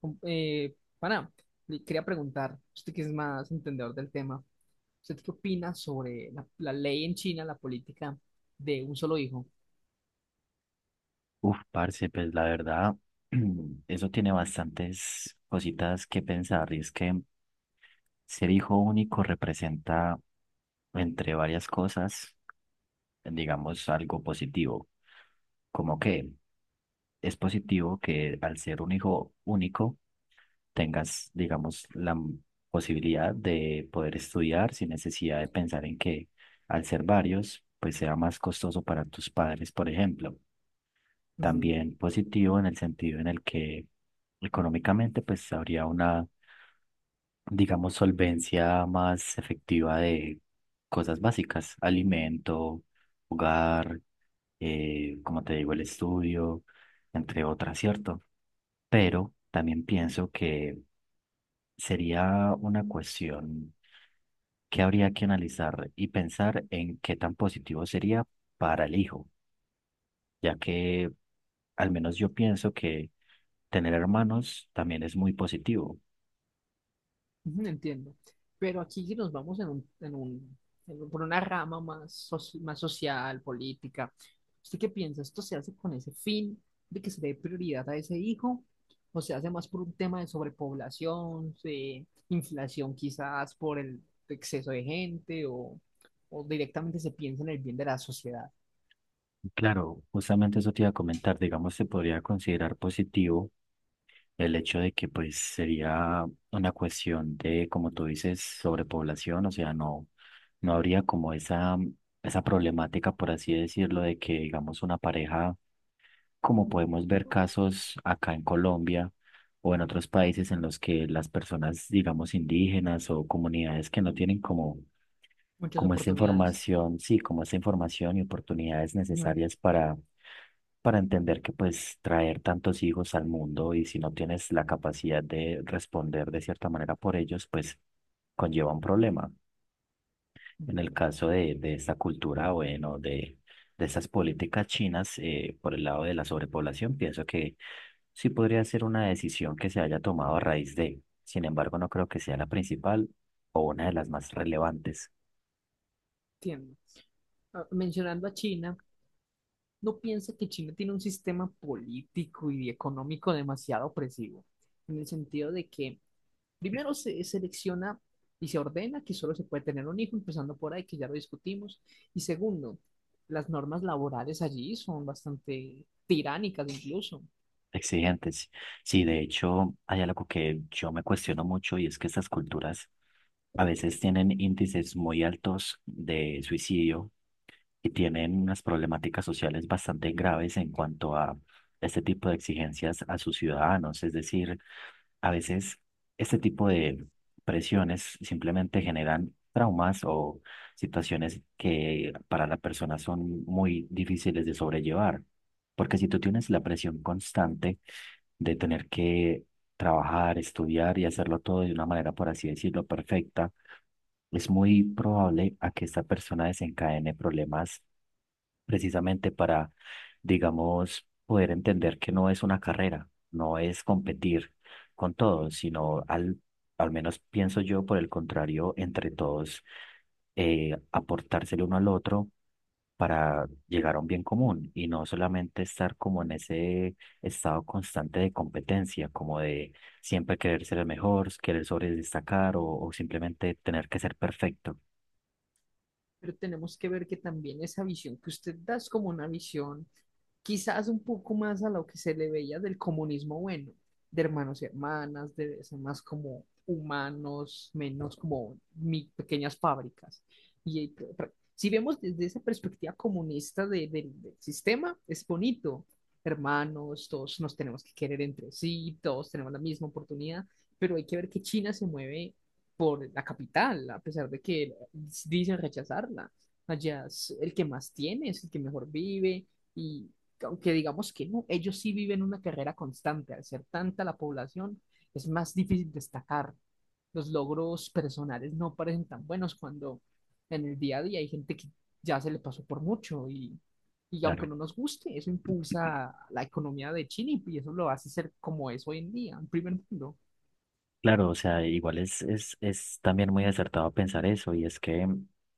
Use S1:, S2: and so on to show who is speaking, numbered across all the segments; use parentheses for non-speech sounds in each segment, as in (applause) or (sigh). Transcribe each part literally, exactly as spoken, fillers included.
S1: Com- Eh, pana, le quería preguntar, usted que es más entendedor del tema, ¿usted qué opina sobre la, la ley en China, la política de un solo hijo?
S2: Uf, parce, pues la verdad, (clears throat) eso tiene bastantes cositas que pensar. Y es que ser hijo único representa, entre varias cosas, digamos, algo positivo. Como que es positivo que al ser un hijo único tengas, digamos, la m- posibilidad de poder estudiar sin necesidad de pensar en que al ser varios, pues sea más costoso para tus padres, por ejemplo.
S1: Ujú.
S2: También positivo en el sentido en el que económicamente pues habría una, digamos, solvencia más efectiva de cosas básicas, alimento, hogar, eh, como te digo, el estudio, entre otras, ¿cierto? Pero también pienso que sería una cuestión que habría que analizar y pensar en qué tan positivo sería para el hijo, ya que al menos yo pienso que tener hermanos también es muy positivo.
S1: Ujú, entiendo. Pero aquí nos vamos en un, en un, en un- por una rama más, soci- más social, política. ¿Usted qué piensa? ¿Esto se hace con ese fin de que se dé prioridad a ese hijo? ¿O se hace más por un tema de sobrepoblación, de inflación quizás por el exceso de gente o, o directamente se piensa en el bien de la sociedad?
S2: Claro, justamente eso te iba a comentar, digamos, se podría considerar positivo el hecho de que pues sería una cuestión de, como tú dices, sobrepoblación, o sea, no, no habría como esa, esa problemática, por así decirlo, de que digamos una pareja como podemos ver casos acá en Colombia o en otros países en los que las personas, digamos, indígenas o comunidades que no tienen como,
S1: Muchas
S2: como esta
S1: oportunidades.
S2: información, sí, como esta información y oportunidades
S1: Ujú,
S2: necesarias para, para entender que pues traer tantos hijos al mundo y si no tienes la capacidad de responder de cierta manera por ellos, pues conlleva un problema. En el caso de, de esta cultura, bueno, de, de estas políticas chinas, eh, por el lado de la sobrepoblación, pienso que sí podría ser una decisión que se haya tomado a raíz de, sin embargo, no creo que sea la principal o una de las más relevantes,
S1: entiendo. Ah, Mencionando a China. No piensa que China tiene un sistema político y económico demasiado opresivo, en el sentido de que primero se selecciona y se ordena que solo se puede tener un hijo, empezando por ahí, que ya lo discutimos, y segundo, las normas laborales allí son bastante tiránicas incluso.
S2: exigentes. Sí, de hecho, hay algo que yo me cuestiono mucho y es que estas culturas a veces tienen índices muy altos de suicidio y tienen unas problemáticas sociales bastante graves en cuanto a este tipo de exigencias a sus ciudadanos. Es decir, a veces este tipo de presiones simplemente generan traumas o situaciones que para la persona son muy difíciles de sobrellevar. Porque si tú tienes la presión constante de tener que trabajar, estudiar y hacerlo todo de una manera, por así decirlo, perfecta, es muy probable a que esta persona desencadene problemas precisamente para, digamos, poder entender que no es una carrera, no es competir con todos, sino al, al menos pienso yo, por el contrario, entre todos, eh, aportárselo uno al otro para llegar a un bien común y no solamente estar como en ese estado constante de competencia, como de siempre querer ser el mejor, querer sobredestacar o, o simplemente tener que ser perfecto.
S1: Pero tenemos que ver que también esa visión que usted da es como una visión quizás un poco más a lo que se le veía del comunismo bueno, de hermanos y hermanas, de ser más como humanos, menos como mi, pequeñas fábricas. Y si vemos desde esa perspectiva comunista de, de, del sistema, es bonito. Hermanos, todos nos tenemos que querer entre sí, todos tenemos la misma oportunidad, pero hay que ver que China se mueve por la capital, a pesar de que dicen rechazarla. Allá es el que más tiene, es el que mejor vive y aunque digamos que no, ellos sí viven una carrera constante. Al ser tanta la población, es más difícil destacar. Los logros personales no parecen tan buenos cuando en el día a día hay gente que ya se le pasó por mucho y, y aunque
S2: Claro,
S1: no nos guste, eso impulsa la economía de Chile y eso lo hace ser como es hoy en día, en primer mundo.
S2: claro, o sea, igual es, es, es también muy acertado pensar eso y es que,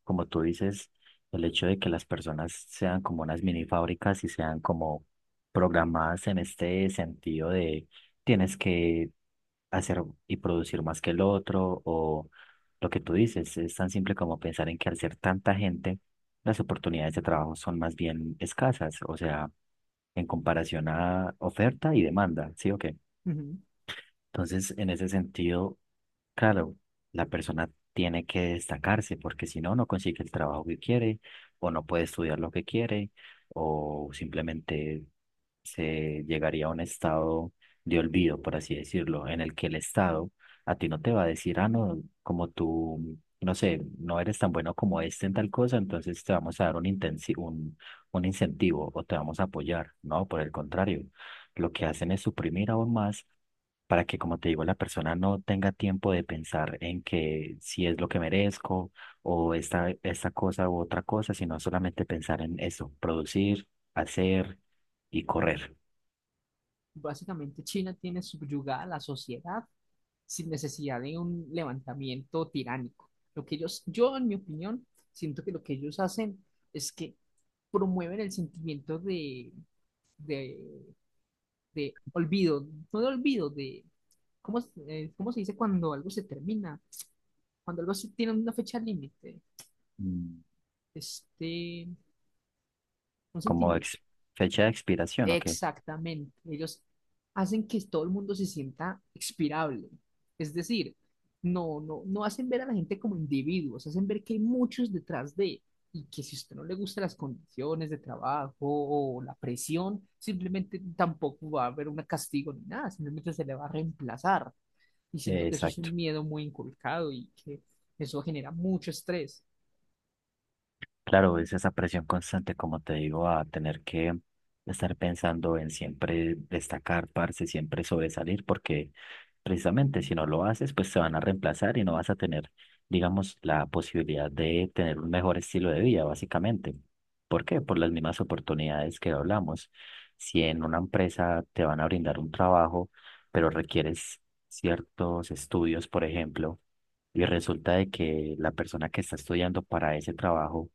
S2: como tú dices, el hecho de que las personas sean como unas mini fábricas y sean como programadas en este sentido de tienes que hacer y producir más que el otro o lo que tú dices, es tan simple como pensar en que al ser tanta gente, las oportunidades de trabajo son más bien escasas, o sea, en comparación a oferta y demanda, ¿sí o qué?
S1: Ujú.
S2: Entonces, en ese sentido, claro, la persona tiene que destacarse porque si no, no consigue el trabajo que quiere o no puede estudiar lo que quiere o simplemente se llegaría a un estado de olvido, por así decirlo, en el que el Estado a ti no te va a decir, ah, no, como tú, no sé, no eres tan bueno como este en tal cosa, entonces te vamos a dar un, intensi- un, un incentivo o te vamos a apoyar, ¿no? Por el contrario, lo que hacen es suprimir aún más. Para que, como te digo, la persona no tenga tiempo de pensar en que si es lo que merezco o esta, esta cosa u otra cosa, sino solamente pensar en eso, producir, hacer y correr.
S1: Básicamente China tiene subyugada la sociedad sin necesidad de un levantamiento tiránico. Lo que ellos, yo en mi opinión, siento que lo que ellos hacen es que promueven el sentimiento de, de, de olvido, no de olvido, de ¿cómo, es- eh, cómo se dice cuando algo se termina? Cuando algo se tiene una fecha límite,
S2: Mm,
S1: este, un
S2: Como
S1: sentimiento.
S2: ex- fecha de expiración, ok.
S1: Exactamente. Ellos hacen que todo el mundo se sienta expirable. Es decir, no, no, no hacen ver a la gente como individuos, hacen ver que hay muchos detrás de, y que si a usted no le gustan las condiciones de trabajo o la presión, simplemente tampoco va a haber un castigo ni nada, simplemente se le va a reemplazar. Y
S2: Eh,
S1: siento que eso es
S2: exacto.
S1: un miedo muy inculcado y que eso genera mucho estrés.
S2: Claro, es esa presión constante, como te digo, a tener que estar pensando en siempre destacar, parce, siempre sobresalir, porque precisamente si no lo haces, pues te van a reemplazar y no vas a tener, digamos, la posibilidad de tener un mejor estilo de vida, básicamente. ¿Por qué? Por las mismas oportunidades que hablamos. Si en una empresa te van a brindar un trabajo, pero requieres ciertos estudios, por ejemplo, y resulta de que la persona que está estudiando para ese trabajo,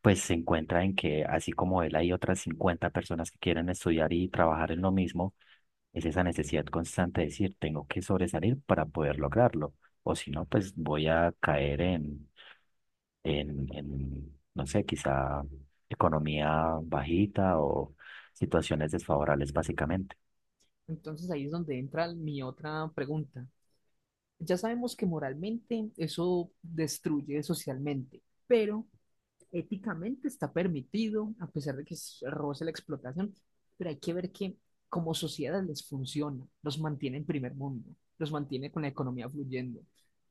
S2: pues se encuentra en que así como él hay otras cincuenta personas que quieren estudiar y trabajar en lo mismo, es esa necesidad constante de decir, tengo que sobresalir para poder lograrlo, o si no, pues voy a caer en, en, en, no sé, quizá economía bajita o situaciones desfavorables básicamente.
S1: Entonces ahí es donde entra mi otra pregunta. Ya sabemos que moralmente eso destruye socialmente, pero éticamente está permitido, a pesar de que es- roce la explotación, pero hay que ver que como sociedad les funciona, los mantiene en primer mundo, los mantiene con la economía fluyendo.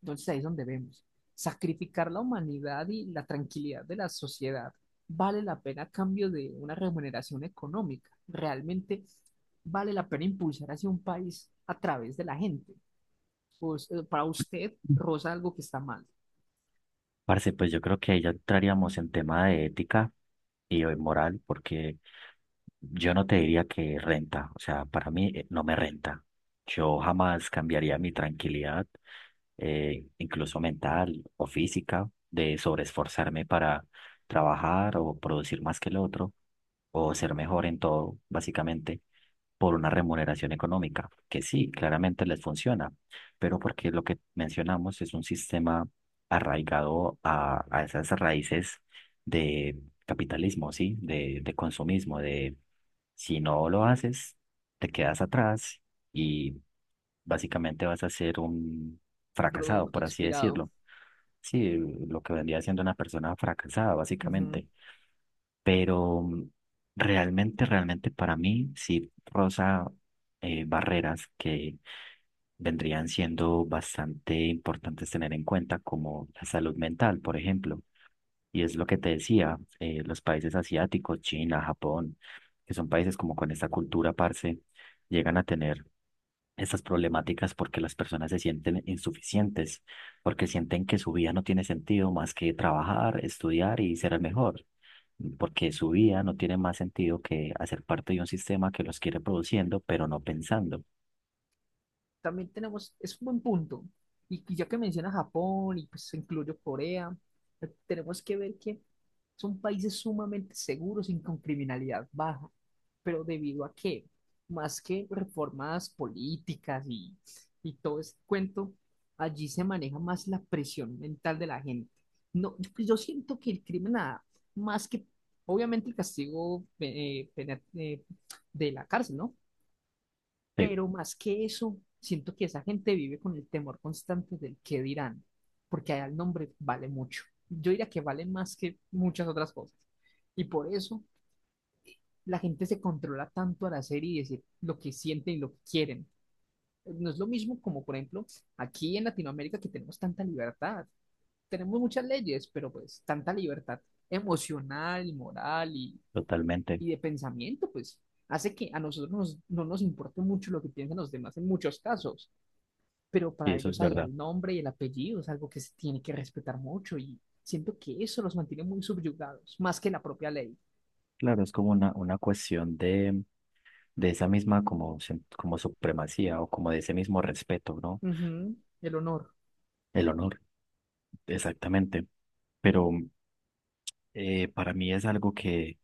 S1: Entonces ahí es donde vemos, sacrificar la humanidad y la tranquilidad de la sociedad vale la pena a cambio de una remuneración económica. Realmente vale la pena impulsar hacia un país a través de la gente. Pues, eh, para usted
S2: Mm.
S1: rosa algo que está mal.
S2: Parce, pues yo creo que ahí ya entraríamos en tema de ética y moral, porque yo no te diría que renta, o sea, para mí, eh, no me renta. Yo jamás cambiaría mi tranquilidad, eh, incluso mental o física, de sobreesforzarme para trabajar o producir más que el otro o ser mejor en todo, básicamente, por una remuneración económica, que sí, claramente les funciona, pero porque lo que mencionamos es un sistema arraigado a, a esas raíces de capitalismo, ¿sí? De, de consumismo, de si no lo haces, te quedas atrás y básicamente vas a ser un fracasado,
S1: Producto
S2: por así
S1: expirado.
S2: decirlo. Sí, lo que vendría siendo una persona fracasada,
S1: Ujú.
S2: básicamente. Pero mm, realmente, realmente para mí sí rosa, eh, barreras que vendrían siendo bastante importantes tener en cuenta, como la salud mental, por ejemplo. Y es lo que te decía, eh, los países asiáticos, China, Japón, que son países como con esta cultura, parce, llegan a tener estas problemáticas porque las personas se sienten insuficientes, porque sienten que su vida no tiene sentido más que trabajar, estudiar y ser el mejor, porque su vida no tiene más sentido que hacer parte de un sistema que los quiere produciendo, pero no pensando.
S1: También tenemos, es un buen punto. Y, y ya que menciona Japón y pues incluyo Corea, eh, tenemos que ver que son países sumamente seguros y con criminalidad baja. Pero debido a que, más que reformas políticas y, y todo ese cuento, allí se maneja más la presión mental de la gente. No, yo yo siento que el crimen, nada más que, obviamente, el castigo eh, pena- eh, de la cárcel, ¿no?
S2: Sí,
S1: Pero más que eso, siento que esa gente vive con el temor constante del qué dirán, porque allá el nombre vale mucho. Yo diría que vale más que muchas otras cosas. Y por eso la gente se controla tanto al hacer y decir lo que sienten y lo que quieren. No es lo mismo como, por ejemplo, aquí en Latinoamérica que tenemos tanta libertad. Tenemos muchas leyes, pero pues tanta libertad emocional y moral y,
S2: totalmente.
S1: y de pensamiento, pues hace que a nosotros nos- no nos importe mucho lo que piensan los demás en muchos casos, pero
S2: Y
S1: para
S2: eso es
S1: ellos hay
S2: verdad.
S1: el nombre y el apellido, es algo que se tiene que respetar mucho y siento que eso los mantiene muy subyugados, más que la propia ley.
S2: Claro, es como una, una cuestión de de esa misma como, se- como supremacía o como de ese mismo respeto, ¿no?
S1: Ujú. El honor
S2: El honor, exactamente. Pero eh, para mí es algo que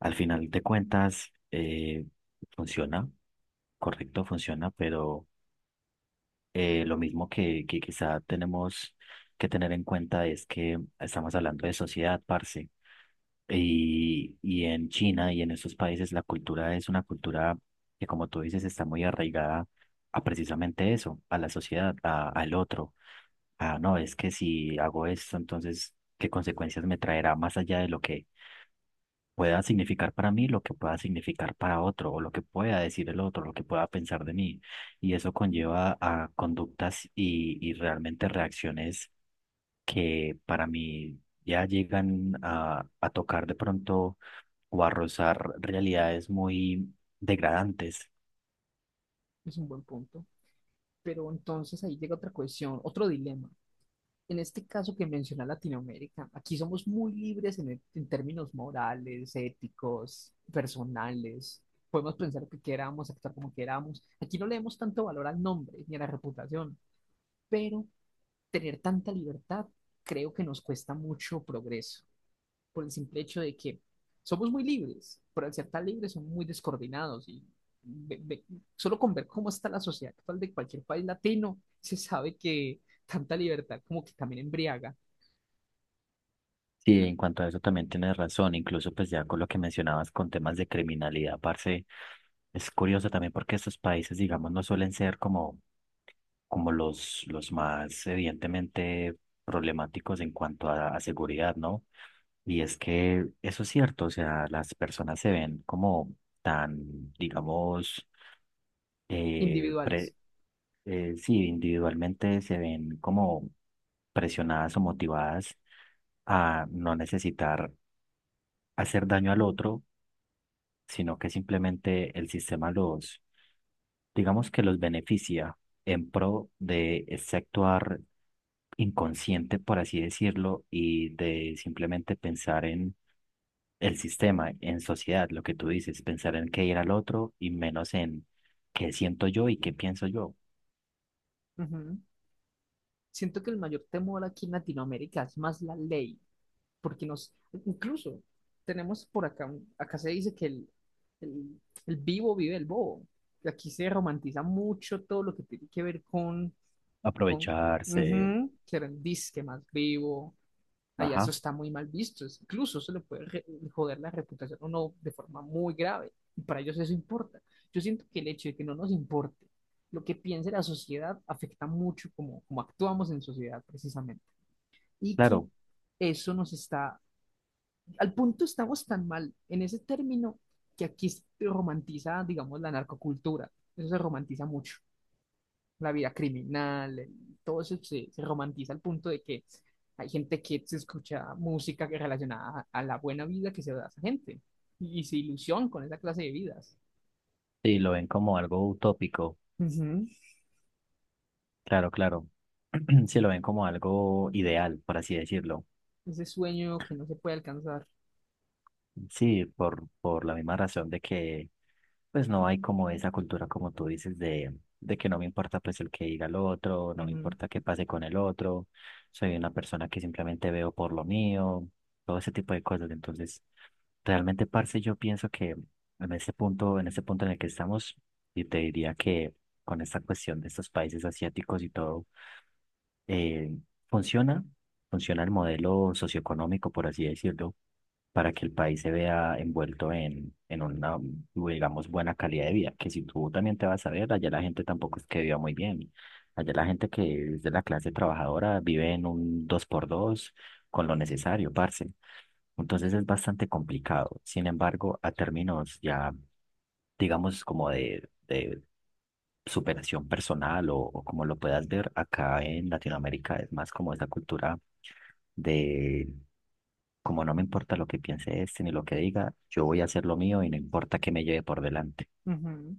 S2: al final de cuentas eh, funciona, correcto, funciona, pero eh, lo mismo que, que quizá tenemos que tener en cuenta es que estamos hablando de sociedad, parce. Y, y en China y en esos países la cultura es una cultura que, como tú dices, está muy arraigada a precisamente eso, a la sociedad, a- al otro. Ah, no, es que si hago esto, entonces, ¿qué consecuencias me traerá más allá de lo que pueda significar para mí, lo que pueda significar para otro, o lo que pueda decir el otro, lo que pueda pensar de mí? Y eso conlleva a conductas y, y realmente reacciones que para mí ya llegan a, a tocar de pronto o arrozar realidades muy degradantes.
S1: es un buen punto, pero entonces ahí llega otra cuestión, otro dilema. En este caso que menciona Latinoamérica, aquí somos muy libres en, e, en términos morales, éticos, personales. Podemos pensar lo que queramos, actuar como queramos. Aquí no leemos tanto valor al nombre ni a la reputación, pero tener tanta libertad, creo que nos cuesta mucho progreso, por el simple hecho de que somos muy libres, pero al ser tan libres somos muy descoordinados y ve- ve- solo con ver cómo está la sociedad actual de cualquier país latino, se sabe que tanta libertad como que también embriaga.
S2: Sí, en cuanto a eso también tienes razón, incluso pues ya con lo que mencionabas con temas de criminalidad, parce, es curioso también porque estos países, digamos, no suelen ser como, como los, los más evidentemente problemáticos en cuanto a, a seguridad, ¿no? Y es que eso es cierto, o sea, las personas se ven como tan, digamos,
S1: Individuales.
S2: Eh, sí, individualmente se ven como presionadas o motivadas a no necesitar hacer daño al otro, sino que simplemente el sistema los, digamos que los beneficia en pro de ese actuar inconsciente, por así decirlo, y de simplemente pensar en el sistema, en sociedad, lo que tú dices, pensar en qué ir al otro y menos en qué siento yo y qué pienso yo.
S1: Ujú. Siento que el mayor temor aquí en Latinoamérica es más la ley porque nos, incluso tenemos por acá, un- acá se dice que el, el, el vivo vive el bobo. Y aquí se romantiza mucho todo lo que tiene que ver con, con
S2: Aprovecharse,
S1: ujú, que era el disque más vivo. Allá eso
S2: ajá,
S1: está muy mal visto. es- Incluso se le puede re- joder la reputación a uno de forma muy grave. Y para ellos eso importa. Yo siento que el hecho de que no nos importe lo que piense la sociedad afecta mucho como, como actuamos en sociedad precisamente. Y que
S2: claro,
S1: eso nos está al punto, estamos tan mal en ese término que aquí se romantiza, digamos, la narcocultura. Eso se romantiza mucho. La vida criminal, el- todo eso se, se romantiza al punto de que hay gente que se escucha música que relacionada a, a la buena vida que se da a esa gente y, y se ilusión con esa clase de vidas.
S2: sí, lo ven como algo utópico,
S1: Ujú.
S2: claro, claro, (clears throat) sí, lo ven como algo ideal, por así decirlo,
S1: Ese sueño que no se puede alcanzar.
S2: sí, por, por la misma razón de que pues no hay como esa cultura, como tú dices, de, de que no me importa pues el que diga el otro, no me
S1: Ujú,
S2: importa qué pase con el otro, soy una persona que simplemente veo por lo mío, todo ese tipo de cosas. Entonces, realmente, parce, yo pienso que en ese punto, en ese punto en el que estamos, y te diría que con esta cuestión de estos países asiáticos y todo, eh, funciona, funciona el modelo socioeconómico, por así decirlo, para que el país se vea envuelto en, en una, digamos, buena calidad de vida. Que si tú también te vas a ver, allá la gente tampoco es que viva muy bien. Allá la gente que es de la clase trabajadora vive en un dos por dos con lo necesario, parce. Entonces es bastante complicado. Sin embargo, a términos ya, digamos, como de, de superación personal o, o como lo puedas ver acá en Latinoamérica, es más como esa cultura de, como no me importa lo que piense este ni lo que diga, yo voy a hacer lo mío y no importa que me lleve por delante.
S1: ujú.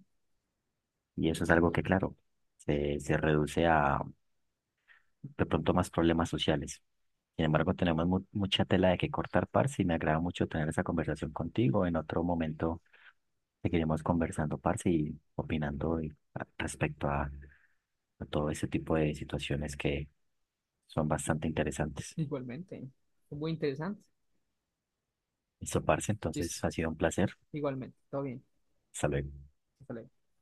S2: Y eso es algo que, claro, se, se reduce a, de pronto más problemas sociales. Sin embargo, tenemos mu- mucha tela de que cortar, parce, y me agrada mucho tener esa conversación contigo. En otro momento seguiremos conversando, parce, y opinando y- a- respecto a, a todo ese tipo de situaciones que son bastante interesantes.
S1: Igualmente. Muy interesante.
S2: Listo, parce,
S1: Listo.
S2: entonces ha sido un placer.
S1: Igualmente. Todo bien.
S2: Hasta luego.
S1: Hasta luego.